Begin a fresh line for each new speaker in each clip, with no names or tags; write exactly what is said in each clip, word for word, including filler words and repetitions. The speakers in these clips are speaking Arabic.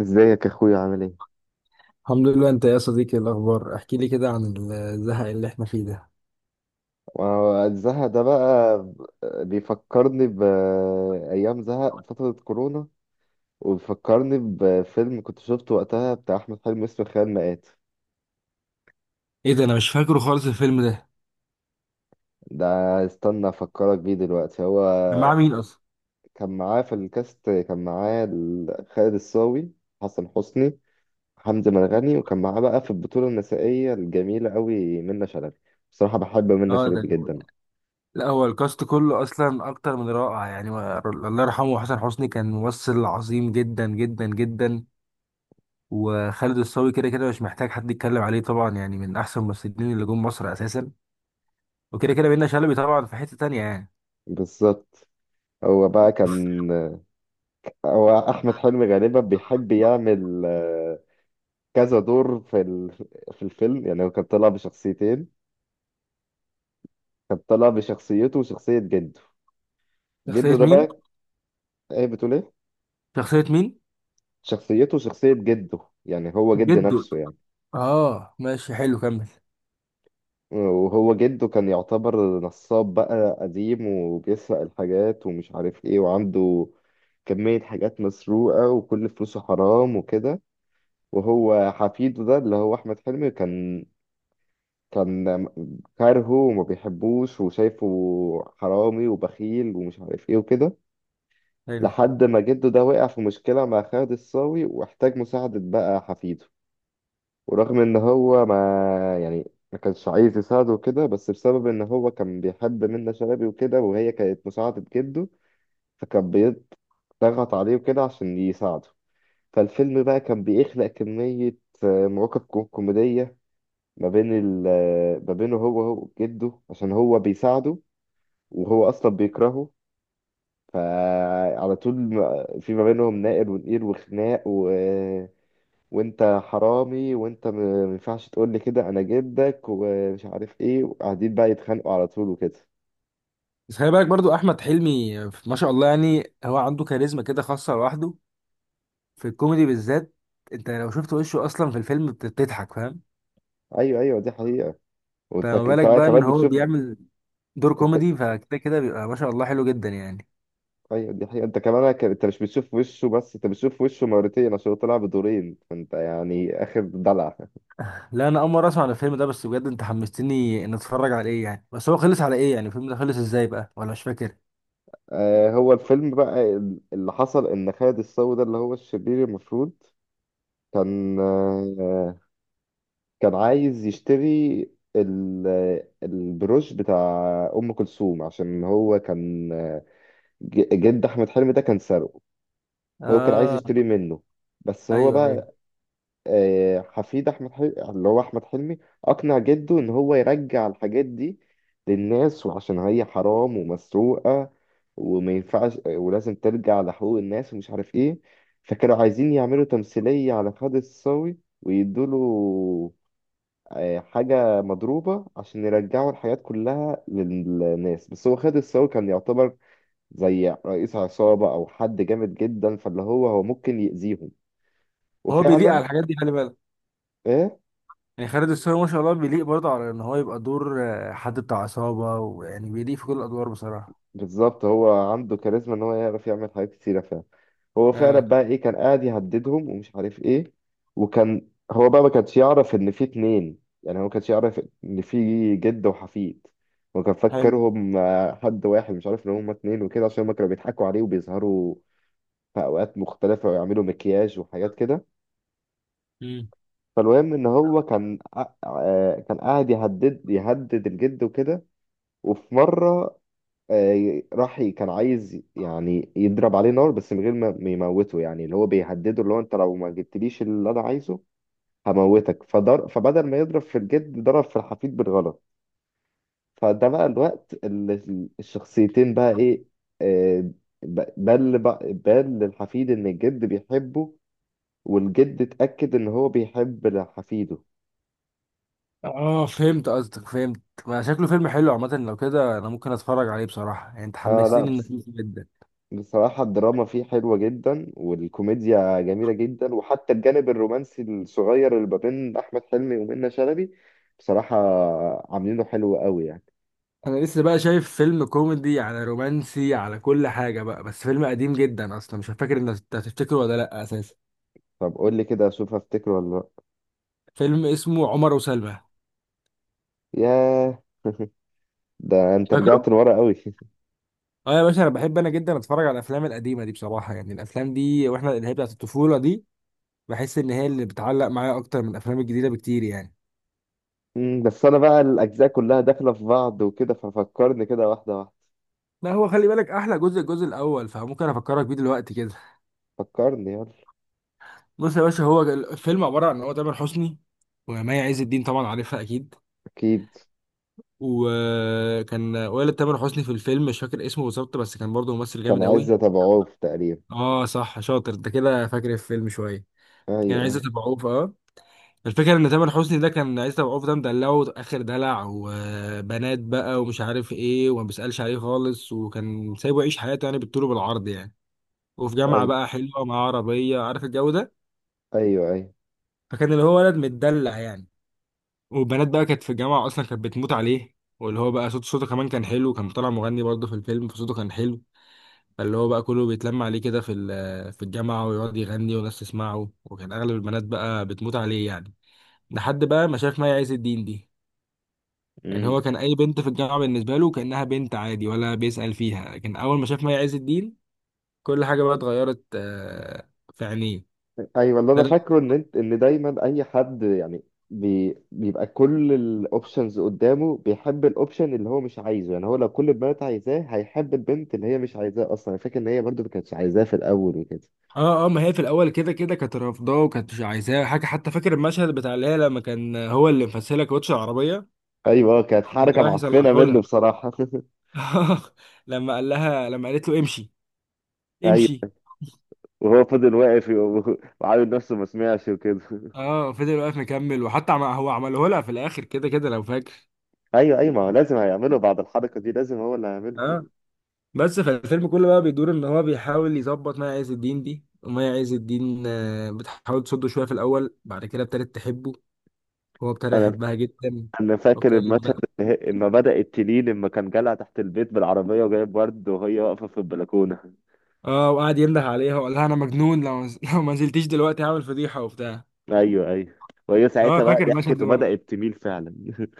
ازيك يا اخويا، عامل ايه؟
الحمد لله. انت يا صديقي إيه الاخبار؟ احكي لي كده عن الزهق اللي احنا فيه ده.
ما هو زهق ده بقى. بيفكرني بأيام زهق فترة كورونا، وبيفكرني بفيلم كنت شفته وقتها بتاع أحمد حلمي اسمه خيال مآت.
ايه ده؟ انا مش فاكره خالص الفيلم ده.
ده استنى أفكرك بيه دلوقتي. هو
كان معاه مين اصلا؟
كان معاه في الكاست، كان معاه ال- خالد الصاوي، حسن حسني، حمزة مرغني، وكان معاه بقى في البطولة النسائية الجميلة قوي منة شلبي. بصراحة بحب منة
اه، ده
شلبي
اللي هو
جدا.
يعني. لا، هو الكاست كله اصلا اكتر من رائع يعني و- الله يرحمه حسن حسني، كان ممثل عظيم جدا جدا جدا. وخالد الصاوي كده كده مش محتاج حد يتكلم عليه طبعا، يعني من احسن الممثلين اللي جم مصر اساسا. وكده كده بينا شلبي طبعا في حتة تانية يعني.
بالظبط. هو بقى كان هو احمد حلمي غالبا بيحب يعمل آه، كذا دور في ال- في الفيلم. يعني هو كان طلع بشخصيتين، كان طلع بشخصيته وشخصية جده.
شخصية
جده ده
مين؟
بقى، ايه بتقول ايه؟
شخصية مين؟
شخصيته وشخصية جده، يعني هو جد
جدو.
نفسه يعني.
اه ماشي، حلو كمل.
وهو جده كان يعتبر نصاب بقى قديم، وبيسرق الحاجات ومش عارف ايه، وعنده كمية حاجات مسروقة وكل فلوسه حرام وكده. وهو حفيده ده اللي هو أحمد حلمي كان كان كارهه وما بيحبوش، وشايفه حرامي وبخيل ومش عارف ايه وكده.
حلو.
لحد ما جده ده وقع في مشكلة مع خالد الصاوي واحتاج مساعدة بقى حفيده. ورغم ان هو ما يعني ما كانش عايز يساعده وكده، بس بسبب ان هو كان بيحب منة شلبي وكده وهي كانت مساعدة جده، فكان بيضغط عليه وكده عشان يساعده. فالفيلم بقى كان بيخلق كمية آه، مواقف كو- كوميدية ما بين ال ما بينه هو هو جده عشان هو بيساعده، وهو اصلا بيكرهه. فعلى طول ما- في ما بينهم نائر ونقير وخناق، و... وانت حرامي وانت م- ما ينفعش تقول لي كده انا جدك ومش عارف ايه، وقاعدين بقى يتخانقوا على طول وكده.
بس خلي بالك برضو احمد حلمي آه، ما شاء الله، يعني هو عنده كاريزما كده خاصه لوحده في الكوميدي بالذات. انت لو شفت وشه اصلا في الفيلم بت- بتضحك، فاهم؟
ايوه، ايوه، دي حقيقة. وانت
فما
انت
بالك بقى ان
كمان
هو
بتشوف.
بيعمل دور
انت،
كوميدي، فكده كده بيبقى ما شاء الله حلو جدا يعني.
ايوه، دي حقيقة. انت كمان ك- انت مش بتشوف وشه بس، انت بتشوف وشه مرتين عشان هو طلع بدورين، فانت يعني اخر دلع.
لا، انا اول مره اسمع عن الفيلم ده، بس بجد انت حمستني ان اتفرج على ايه يعني. بس هو خلص على ايه يعني؟ الفيلم ده خلص ازاي بقى ولا مش فاكر؟
آه، هو الفيلم بقى، اللي حصل ان خالد الصاوي ده اللي هو الشرير المفروض، كان آه، كان عايز يشتري ال- البروش بتاع ام كلثوم، عشان هو كان آه، ج- جد احمد حلمي ده كان سارقه. هو كان عايز
اه.
يشتري منه. بس هو
ايوه ايوه.
بقى آه، حفيد احمد حلمي اللي هو احمد حلمي اقنع جده ان هو يرجع الحاجات دي للناس، وعشان هي حرام ومسروقه، وما ينفعش ولازم ترجع لحقوق الناس ومش عارف ايه. فكانوا عايزين يعملوا تمثيليه على خالد الصاوي، ويدوله آه، حاجه مضروبه عشان يرجعوا الحاجات كلها للناس. بس هو خالد الصاوي كان يعتبر زي رئيس عصابه او حد جامد جدا، فاللي هو هو ممكن يأذيهم.
هو بيليق
وفعلا
على الحاجات دي، خلي بالك.
آه،
يعني خالد الصاوي ما شاء الله بيليق برضه على ان هو يبقى دور آه، حد بتاع عصابه، ويعني بيليق في كل الادوار بصراحه.
بالظبط. هو عنده كاريزما ان هو يعرف يعمل حاجات كتيرة فعلا. هو فعلا
اه.
بقى ايه، كان قاعد يهددهم ومش عارف ايه. وكان هو بقى ما كانش يعرف ان في اتنين، يعني هو ما كانش يعرف ان في جد وحفيد، وكان
حلو.
فكرهم آه، حد واحد مش عارف ان هما اتنين وكده، عشان هما كانوا بيضحكوا عليه وبيظهروا في اوقات مختلفة ويعملوا مكياج وحاجات كده.
مم.
فالمهم ان هو كان قا- آه، كان قاعد يهدد يهدد الجد وكده. وفي مرة آه، راح ي- كان عايز يعني يضرب عليه نار، بس من غير ما ما يموته، يعني اللي هو بيهدده، اللي هو انت لو ما جبتليش اللي انا عايزه هموتك. فضر فبدل ما يضرب في الجد ضرب في الحفيد بالغلط. فده بقى الوقت اللي ال- الشخصيتين بقى ايه، آه، ب- بل بقى بل للحفيد ان الجد بيحبه، والجد اتأكد ان هو بيحب حفيده.
اه فهمت قصدك، فهمت. ما شكله فيلم حلو عامة، لو كده انا ممكن اتفرج عليه بصراحة، يعني انت
اه
حمستني
لا.
انك جدا.
بصراحة الدراما فيه حلوة جدا، والكوميديا جميلة جدا، وحتى الجانب الرومانسي الصغير اللي ما بين أحمد حلمي ومنة شلبي بصراحة عاملينه حلو قوي يعني.
انا لسه بقى شايف فيلم كوميدي على رومانسي على كل حاجة بقى، بس فيلم قديم جدا اصلا، مش فاكر ان انت هتفتكره ولا لا اساسا.
طب قول لي كده أشوف أفتكره ولا لأ.
فيلم اسمه عمر وسلمى.
ياه ده أنت
فاكره؟
رجعت لورا قوي
اه يا باشا، انا بحب انا جدا اتفرج على الافلام القديمة دي بصراحة، يعني الافلام دي واحنا اللي هي بتاعت الطفولة دي بحس ان هي اللي بتعلق معايا اكتر من الافلام الجديدة بكتير يعني.
مم، بس أنا بقى الأجزاء كلها داخلة في بعض وكده، ففكرني كده واحدة واحدة.
ما هو خلي بالك احلى جزء الجزء الاول، فممكن افكرك بيه دلوقتي كده.
فكرني يلا.
بص يا باشا، هو الفيلم عبارة عن إن هو تامر حسني ومي عز الدين، طبعا عارفها أكيد.
أكيد.
وكان والد تامر حسني في الفيلم مش فاكر اسمه بالظبط، بس كان برضه ممثل
كان
جامد
عايز
قوي.
أتابعوه تقريبا.
اه صح، شاطر انت كده فاكر الفيلم شوية. يعني
أيوه،
عزت أبو عوف، اه. الفكرة إن تامر حسني ده كان عزت أبو عوف ده مدلعه آخر دلع، وبنات بقى ومش عارف إيه، وما بيسألش عليه خالص، وكان سايبه يعيش حياته يعني بالطول وبالعرض يعني. وفي جامعة
أيوه،
بقى حلوة مع عربية، عارف الجو ده.
أيوه،
فكان اللي هو ولد متدلع يعني، وبنات بقى كانت في الجامعة أصلا كانت بتموت عليه. واللي هو بقى صوت صوته كمان كان حلو، كان طالع مغني برضه في الفيلم، فصوته كان حلو. فاللي هو بقى كله بيتلم عليه كده في ال- في الجامعة ويقعد يغني وناس تسمعه، وكان أغلب البنات بقى بتموت عليه يعني. لحد بقى ما شاف مي عز الدين دي. يعني
أيوه.
هو كان أي بنت في الجامعة بالنسبة له كأنها بنت عادي ولا بيسأل فيها، لكن أول ما شاف مي عز الدين كل حاجة بقى اتغيرت آه، في عينيه.
ايوه، اللي انا فاكره ان انت ان دايما اي حد يعني بي بيبقى كل الاوبشنز قدامه بيحب الاوبشن اللي هو مش عايزه، يعني هو لو كل البنات عايزاه هيحب البنت اللي هي مش عايزاه، اصلا انا فاكر ان هي برضو ما كانتش عايزاه في الاول وكده.
اه اه، ما هي في الاول كده كده كانت رافضاه وكانت مش عايزاه حاجه، حتى فاكر المشهد بتاع اللي هي لما كان هو اللي مفسلها كاوتش العربيه.
ايوه، آه، كانت
كان
حركه
رايح
معفنه
يصلحه
منه
لها.
بصراحه
لما قال لها، لما قالت له امشي
ايوه،
امشي.
وهو فضل واقف و- وعامل نفسه ما سمعش وكده
اه فضل واقف مكمل، وحتى عم... هو عمله لها في الاخر كده كده لو فاكر.
ايوه، ايوه، ما هو لازم هيعمله بعد الحركه دي، لازم هو اللي هيعمله.
اه. بس فالفيلم كله بقى بيدور ان هو بيحاول يظبط مي عز الدين دي، ومي عز الدين آه، بتحاول تصده شويه في الاول، بعد كده ابتدت تحبه، هو ابتدى
انا
يحبها جدا.
انا فاكر المشهد
وابتدت.
اللي هي- لما بدأت تلي لما كان جالها تحت البيت بالعربية وجايب ورد وهي واقفة في البلكونة.
اه وقعد ينده عليها وقال لها انا مجنون، لو لو ما نزلتيش دلوقتي هعمل فضيحه وبتاع.
ايوه، ايوه، وهي
اه
ساعتها بقى
فاكر المشهد
ضحكت
ده برضه.
وبدأت تميل فعلا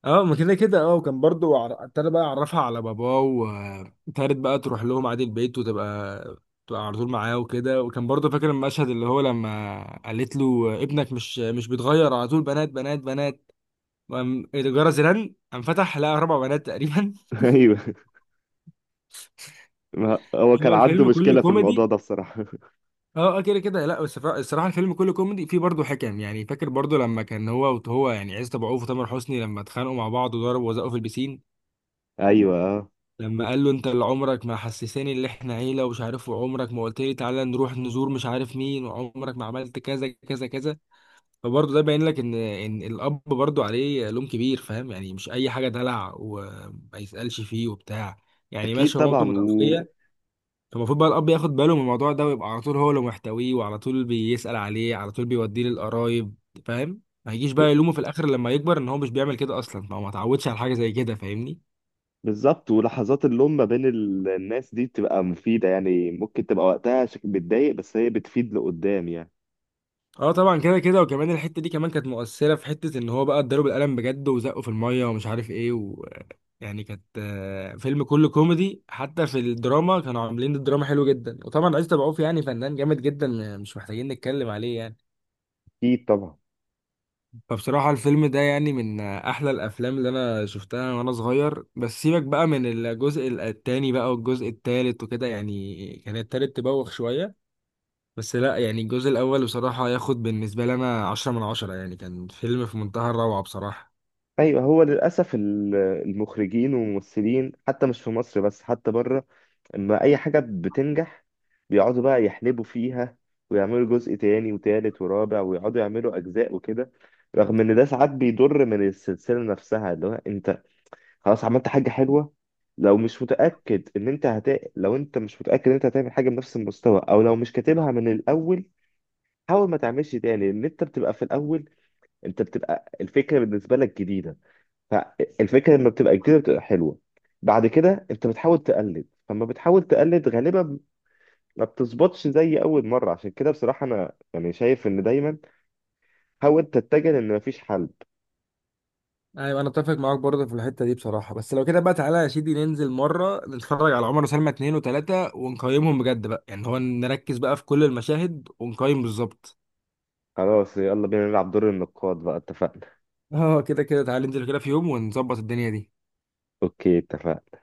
اه، ما كده كده اه. وكان برضه عر- ابتدى بقى يعرفها على باباه، وابتدت بقى تروح لهم عادي البيت وتبقى تبقى على طول معاه وكده. وكان برضه فاكر المشهد اللي هو لما قالت له ابنك مش مش بيتغير، على طول بنات بنات بنات، وقام الجرس رن قام فتح لقى اربع بنات تقريبا.
ايوه، ما هو كان
هو
عنده
الفيلم كله
مشكلة في الموضوع
كوميدي.
ده بصراحة
اه آه، كده كده. لا بس فع- الصراحه الفيلم كله كوميدي فيه برضه حكم يعني. فاكر برضه لما كان هو وهو يعني عزت ابو عوف وتامر حسني لما اتخانقوا مع بعض وضربوا وزقوا في البسين.
ايوه آه.
لما قال له انت اللي عمرك ما حسساني ان احنا عيله ومش عارف، وعمرك ما قلت لي تعالى نروح نزور مش عارف مين، وعمرك ما عملت كذا كذا كذا. فبرضه ده باين لك ان ان الاب برضه عليه لوم كبير، فاهم؟ يعني مش اي حاجه دلع وما يسالش فيه وبتاع. يعني
اكيد
ماشي هو مامته
طبعا. و...
متوفيه، المفروض بقى الأب ياخد باله من الموضوع ده، ويبقى على طول هو اللي محتويه، وعلى طول بيسأل عليه، على طول بيوديه للقرايب، فاهم؟ ما يجيش بقى يلومه في الآخر لما يكبر إن هو مش بيعمل كده، أصلا ما هو ما اتعودش على حاجة زي كده، فاهمني؟
بالظبط، ولحظات اللوم ما بين ال- الناس دي بتبقى مفيدة، يعني ممكن تبقى وقتها شك- بتضايق، بس هي بتفيد لقدام يعني.
اه طبعا كده كده. وكمان الحتة دي كمان كانت مؤثرة، في حتة إن هو بقى اتضرب القلم بجد وزقه في المية ومش عارف إيه و... يعني كانت آه، فيلم كله كوميدي، حتى في الدراما كانوا عاملين الدراما حلو جدا. وطبعا عايز تبعوف يعني فنان جامد جدا مش محتاجين نتكلم عليه يعني.
أكيد طبعا.
فبصراحة الفيلم ده يعني من أحلى الأفلام اللي أنا شفتها وأنا صغير. بس سيبك بقى من الجزء التاني بقى والجزء التالت وكده، يعني كان التالت تبوخ شوية. بس لا يعني الجزء الأول بصراحة ياخد بالنسبة لي أنا عشرة من عشرة، يعني كان فيلم في منتهى الروعة بصراحة.
أيوه، هو للأسف ال- المخرجين والممثلين حتى مش في مصر بس حتى بره، اما اي حاجة بتنجح بيقعدوا بقى يحلبوا فيها، ويعملوا جزء تاني وتالت ورابع ويقعدوا يعملوا اجزاء وكده. رغم ان ده ساعات بيضر من السلسلة نفسها. اللي هو انت خلاص عملت حاجة حلوة، لو مش متأكد ان انت هت... لو انت مش متأكد ان انت هتعمل حاجة بنفس المستوى او لو مش كاتبها من الاول، حاول ما تعملش تاني. ان انت بتبقى في الاول انت بتبقى الفكرة بالنسبة لك جديدة، فالفكرة لما بتبقى جديدة بتبقى حلوة. بعد كده انت بتحاول تقلد، فلما بتحاول تقلد غالبا ما بتظبطش زي اول مره. عشان كده بصراحه انا يعني شايف ان دايما حاول تتجه، لان مفيش حل.
أيوة أنا أتفق معاك برضه في الحتة دي بصراحة. بس لو كده بقى تعالى يا سيدي ننزل مرة نتفرج على عمر وسلمى اتنين وتلاتة ونقيمهم بجد بقى، يعني هو نركز بقى في كل المشاهد ونقيم بالظبط.
خلاص يلا بينا نلعب دور النقاد بقى، اتفقنا.
اه كده كده تعالى ننزل كده في يوم ونظبط الدنيا دي.
اوكي، اتفقنا.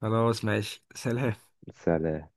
خلاص ماشي، سلام.
سلام.